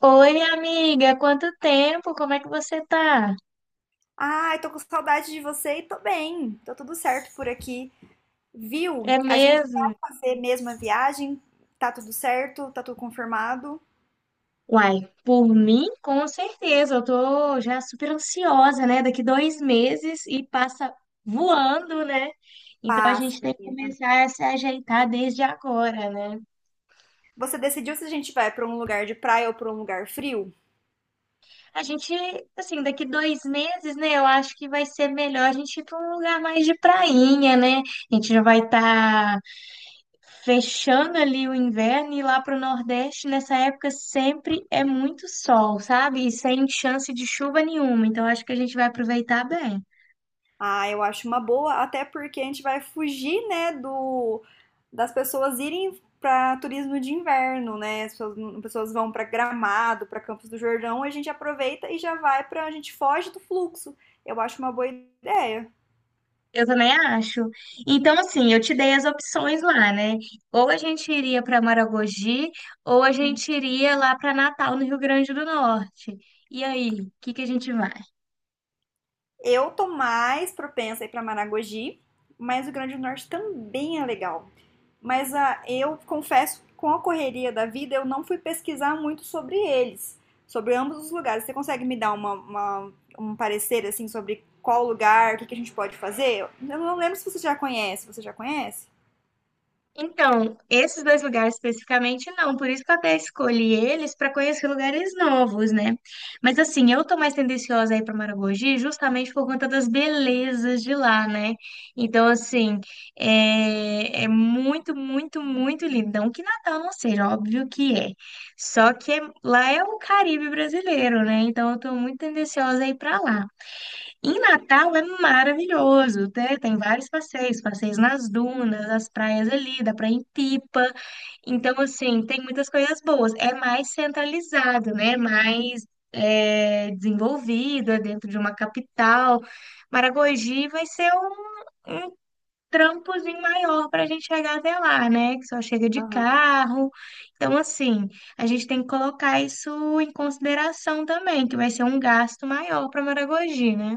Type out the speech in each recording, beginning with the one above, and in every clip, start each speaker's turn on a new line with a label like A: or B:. A: Oi, minha amiga, quanto tempo? Como é que você tá?
B: Ai, tô com saudade de você e tô bem. Tô tudo certo por aqui.
A: É
B: Viu? A gente
A: mesmo?
B: vai fazer mesmo a viagem. Tá tudo certo? Tá tudo confirmado?
A: Uai, por mim, com certeza. Eu tô já super ansiosa, né? Daqui 2 meses e passa voando, né? Então a
B: Passa,
A: gente tem que
B: menina.
A: começar a se ajeitar desde agora, né?
B: Você decidiu se a gente vai pra um lugar de praia ou pra um lugar frio?
A: A gente, assim, daqui 2 meses, né? Eu acho que vai ser melhor a gente ir para um lugar mais de prainha, né? A gente já vai estar fechando ali o inverno e lá para o Nordeste, nessa época sempre é muito sol, sabe? E sem chance de chuva nenhuma. Então acho que a gente vai aproveitar bem.
B: Ah, eu acho uma boa, até porque a gente vai fugir, né, do das pessoas irem pra turismo de inverno, né? As pessoas vão pra Gramado, pra Campos do Jordão, a gente aproveita e a gente foge do fluxo. Eu acho uma boa ideia.
A: Eu também acho. Então, assim, eu te dei as opções lá, né? Ou a gente iria para Maragogi, ou a gente iria lá para Natal, no Rio Grande do Norte. E aí, o que que a gente vai?
B: Eu tô mais propensa a ir pra Maragogi, mas o Rio Grande do Norte também é legal. Mas ah, eu confesso, com a correria da vida, eu não fui pesquisar muito sobre eles, sobre ambos os lugares. Você consegue me dar um parecer, assim, sobre qual lugar, o que que a gente pode fazer? Eu não lembro se você já conhece. Você já conhece?
A: Então, esses dois lugares especificamente não, por isso que eu até escolhi eles para conhecer lugares novos, né? Mas assim, eu tô mais tendenciosa aí para Maragogi justamente por conta das belezas de lá, né? Então, assim, é muito, muito, muito lindo. Não que Natal não seja, óbvio que é. Lá é o Caribe brasileiro, né? Então, eu tô muito tendenciosa aí para lá. Em Natal é maravilhoso, né? Tem vários passeios, passeios nas dunas, as praias ali, dá pra ir em Pipa. Então, assim, tem muitas coisas boas. É mais centralizado, né? Mais desenvolvido, é dentro de uma capital. Maragogi vai ser um trampozinho maior para a gente chegar até lá, né? Que só chega de carro. Então, assim, a gente tem que colocar isso em consideração também, que vai ser um gasto maior para Maragogi, né?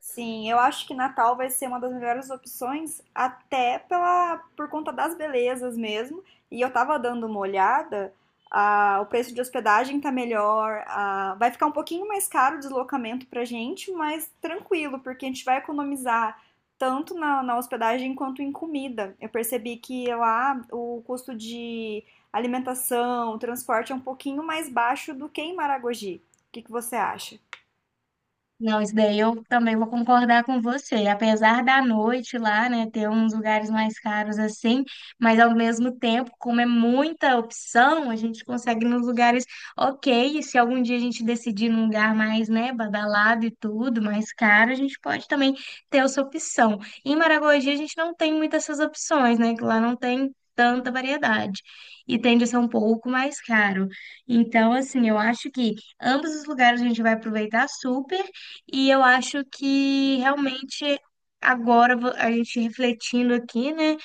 B: Sim, eu acho que Natal vai ser uma das melhores opções, até por conta das belezas mesmo. E eu tava dando uma olhada, ah, o preço de hospedagem tá melhor, ah, vai ficar um pouquinho mais caro o deslocamento pra gente, mas tranquilo, porque a gente vai economizar tanto na hospedagem quanto em comida. Eu percebi que lá o custo de alimentação, transporte é um pouquinho mais baixo do que em Maragogi. O que que você acha?
A: Não, isso daí eu também vou concordar com você. Apesar da noite lá, né, ter uns lugares mais caros assim, mas ao mesmo tempo, como é muita opção, a gente consegue ir nos lugares ok. E se algum dia a gente decidir num lugar mais, né, badalado e tudo, mais caro, a gente pode também ter essa opção. Em Maragogi a gente não tem muitas essas opções, né, que lá não tem tanta variedade e tende a ser um pouco mais caro. Então, assim, eu acho que ambos os lugares a gente vai aproveitar super. E eu acho que realmente agora a gente refletindo aqui, né,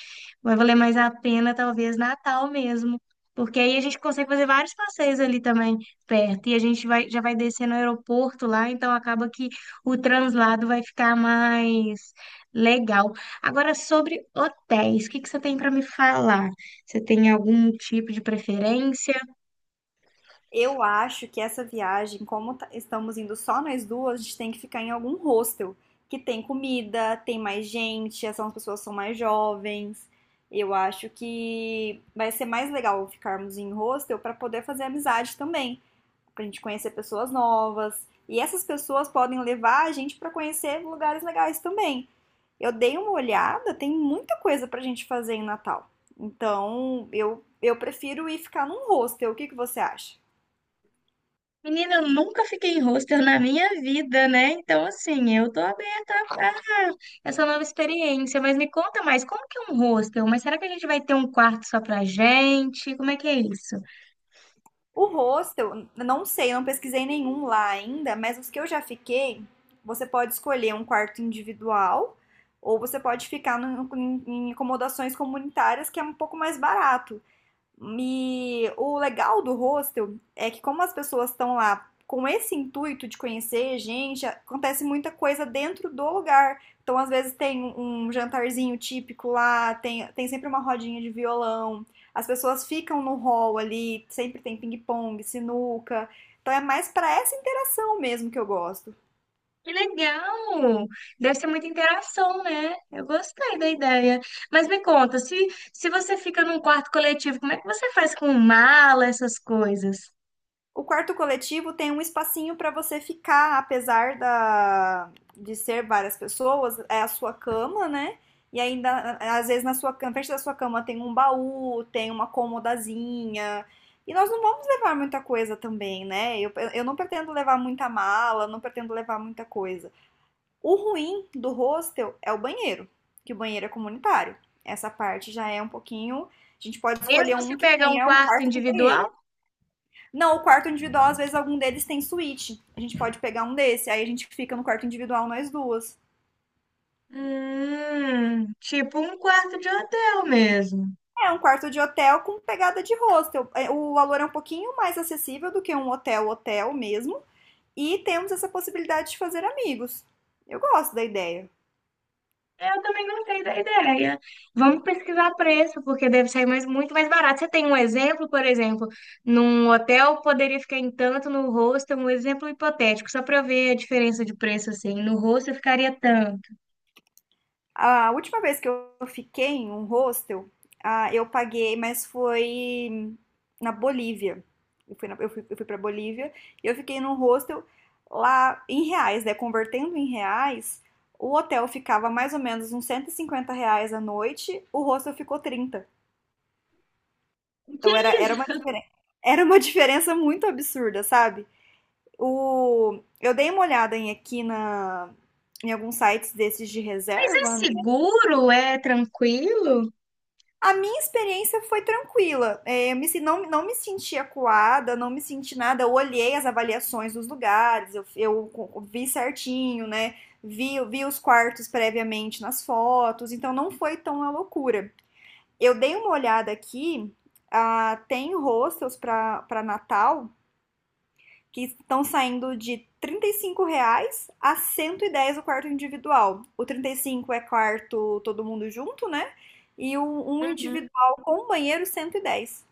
A: vai valer mais a pena talvez Natal mesmo, porque aí a gente consegue fazer vários passeios ali também perto e a gente vai já vai descer no aeroporto lá, então acaba que o translado vai ficar mais legal. Agora sobre hotéis, o que que você tem para me falar? Você tem algum tipo de preferência?
B: Eu acho que essa viagem, como tá- estamos indo só nós duas, a gente tem que ficar em algum hostel que tem comida, tem mais gente, as pessoas são mais jovens. Eu acho que vai ser mais legal ficarmos em hostel para poder fazer amizade também, para a gente conhecer pessoas novas. E essas pessoas podem levar a gente para conhecer lugares legais também. Eu dei uma olhada, tem muita coisa para a gente fazer em Natal. Então, eu prefiro ir ficar num hostel. O que que você acha?
A: Menina, eu nunca fiquei em hostel na minha vida, né? Então, assim, eu tô aberta a essa nova experiência. Mas me conta mais, como que é um hostel? Mas será que a gente vai ter um quarto só pra gente? Como é que é isso?
B: O hostel, não sei, não pesquisei nenhum lá ainda, mas os que eu já fiquei, você pode escolher um quarto individual ou você pode ficar em acomodações comunitárias que é um pouco mais barato. E o legal do hostel é que como as pessoas estão lá com esse intuito de conhecer gente, acontece muita coisa dentro do lugar. Então, às vezes tem um jantarzinho típico lá, tem sempre uma rodinha de violão, as pessoas ficam no hall ali, sempre tem ping-pong, sinuca. Então é mais para essa interação mesmo que eu gosto.
A: Que legal! Deve ser muita interação, né? Eu gostei da ideia. Mas me conta, se você fica num quarto coletivo, como é que você faz com mala, essas coisas?
B: O quarto coletivo tem um espacinho para você ficar, apesar de ser várias pessoas, é a sua cama, né? E ainda, às vezes, na frente da sua cama tem um baú, tem uma comodazinha. E nós não vamos levar muita coisa também, né? Eu não pretendo levar muita mala, não pretendo levar muita coisa. O ruim do hostel é o banheiro, que o banheiro é comunitário. Essa parte já é um pouquinho. A gente pode escolher
A: Mesmo se
B: um que
A: pegar um
B: tenha um
A: quarto
B: quarto com
A: individual?
B: banheiro. Não, o quarto individual, às vezes, algum deles tem suíte. A gente pode pegar um desse, aí a gente fica no quarto individual nós duas.
A: Tipo um quarto de hotel mesmo.
B: É um quarto de hotel com pegada de hostel. É. O valor é um pouquinho mais acessível do que um hotel hotel mesmo. E temos essa possibilidade de fazer amigos. Eu gosto da ideia.
A: Eu também gostei da ideia. Vamos pesquisar preço, porque deve sair muito mais barato. Você tem um exemplo, por exemplo, num hotel poderia ficar em tanto, no hostel, um exemplo hipotético, só para eu ver a diferença de preço, assim. No hostel ficaria tanto.
B: A última vez que eu fiquei em um hostel, ah, eu paguei, mas foi na Bolívia. Eu fui para Bolívia e eu fiquei num hostel lá em reais, né? Convertendo em reais, o hotel ficava mais ou menos uns 150 reais a noite, o hostel ficou 30.
A: Que
B: Então era uma
A: isso?
B: diferença, era uma diferença muito absurda, sabe? Eu dei uma olhada em alguns sites desses de
A: Mas é
B: reserva, né?
A: seguro? É tranquilo?
B: A minha experiência foi tranquila. É, não, não me senti acuada, não me senti nada. Eu olhei as avaliações dos lugares, vi certinho, né? Vi os quartos previamente nas fotos, então não foi tão a loucura. Eu dei uma olhada aqui, ah, tem hostels para Natal que estão saindo de R$ 35 reais a 110 o quarto individual. O 35 é quarto todo mundo junto, né? E um
A: Uhum.
B: individual com banheiro 110.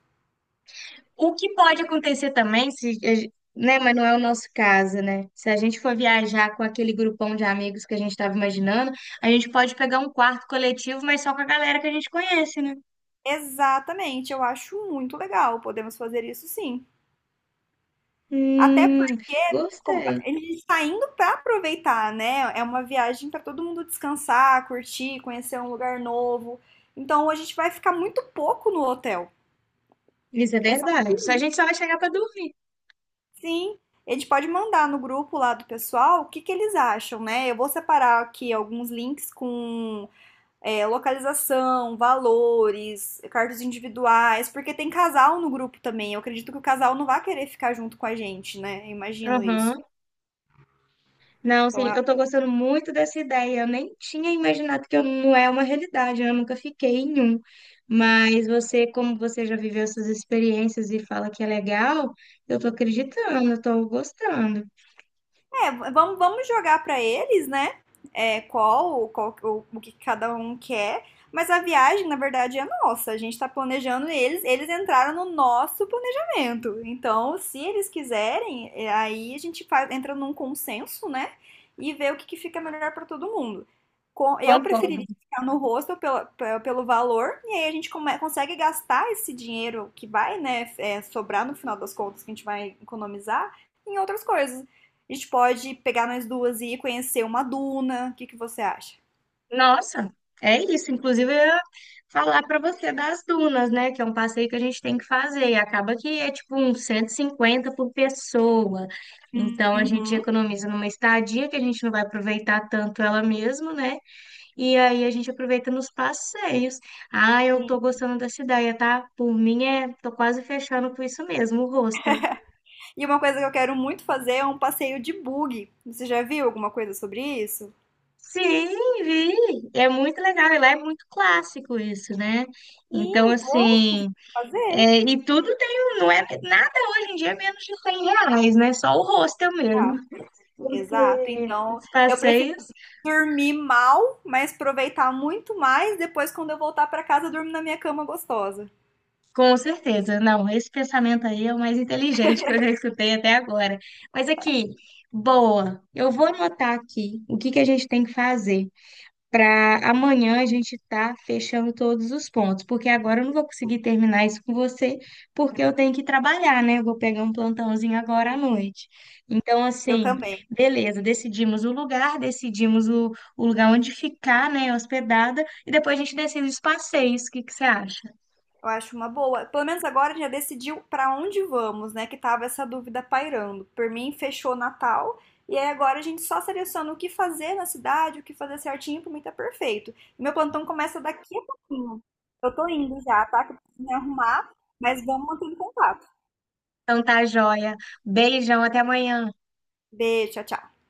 A: O que pode acontecer também, se, a gen- né, mas não é o nosso caso, né? Se a gente for viajar com aquele grupão de amigos que a gente estava imaginando, a gente pode pegar um quarto coletivo, mas só com a galera que a gente conhece, né?
B: Exatamente, eu acho muito legal. Podemos fazer isso sim. Até
A: Hum,
B: porque como,
A: gostei.
B: ele está indo para aproveitar, né? É uma viagem para todo mundo descansar, curtir, conhecer um lugar novo. Então a gente vai ficar muito pouco no hotel.
A: Isso é
B: É só pra
A: verdade. Só a
B: dormir.
A: gente só vai chegar para dormir.
B: Sim, eles podem mandar no grupo lá do pessoal o que que eles acham, né? Eu vou separar aqui alguns links com localização, valores, cartas individuais, porque tem casal no grupo também. Eu acredito que o casal não vai querer ficar junto com a gente, né? Eu imagino isso.
A: Aham. Não,
B: Então
A: sim,
B: é
A: eu tô gostando muito dessa ideia. Eu nem tinha imaginado que eu não é uma realidade, eu nunca fiquei em um. Mas você, como você já viveu essas experiências e fala que é legal, eu tô acreditando, eu tô gostando.
B: É, vamos jogar para eles, né? É, qual o que cada um quer. Mas a viagem, na verdade, é nossa. A gente tá planejando eles, entraram no nosso planejamento. Então, se eles quiserem, é, aí a gente faz, entra num consenso, né? E vê o que, que fica melhor para todo mundo. Eu
A: Concordo.
B: preferiria ficar no rosto pelo valor, e aí a gente consegue gastar esse dinheiro que vai, né, sobrar no final das contas, que a gente vai economizar, em outras coisas. A gente pode pegar nós duas e ir conhecer uma duna. O que que você acha?
A: Nossa, é isso. Inclusive, eu ia falar para você das dunas, né? Que é um passeio que a gente tem que fazer. E acaba que é tipo uns 150 por pessoa. Então, a gente
B: Uhum.
A: economiza numa estadia que a gente não vai aproveitar tanto ela mesmo, né? E aí a gente aproveita nos passeios. Ah, eu
B: Sim.
A: tô gostando da ideia, tá? Por mim, é. Tô quase fechando com isso mesmo, o hostel.
B: E uma coisa que eu quero muito fazer é um passeio de bug. Você já viu alguma coisa sobre isso?
A: Sim, vi. É muito legal. E lá é muito clássico isso, né? Então,
B: Sim, poxa, tem que
A: assim.
B: fazer.
A: É, e tudo tem, não é nada hoje em dia é menos de R$ 100, né? Só o hostel
B: Ah,
A: mesmo.
B: exato.
A: Porque
B: Então,
A: os
B: eu prefiro
A: passeios,
B: dormir mal, mas aproveitar muito mais depois quando eu voltar para casa, eu durmo na minha cama gostosa.
A: com certeza. Não, esse pensamento aí é o mais inteligente que eu já escutei até agora. Mas aqui, boa, eu vou anotar aqui o que que a gente tem que fazer. Para amanhã a gente tá fechando todos os pontos, porque agora eu não vou conseguir terminar isso com você, porque eu tenho que trabalhar, né? Eu vou pegar um plantãozinho agora à noite. Então,
B: Eu
A: assim,
B: também.
A: beleza, decidimos o lugar, decidimos o lugar onde ficar, né, hospedada, e depois a gente decide os passeios. O que que você acha?
B: Eu acho uma boa. Pelo menos agora já decidiu pra onde vamos, né? Que tava essa dúvida pairando. Por mim, fechou Natal. E aí agora a gente só seleciona o que fazer na cidade, o que fazer certinho, pra mim tá perfeito. E meu plantão começa daqui a pouquinho. Eu tô indo já, tá? Que eu preciso me arrumar, mas vamos manter em contato.
A: Então tá, joia. Beijão, até amanhã.
B: Beijo, tchau, tchau.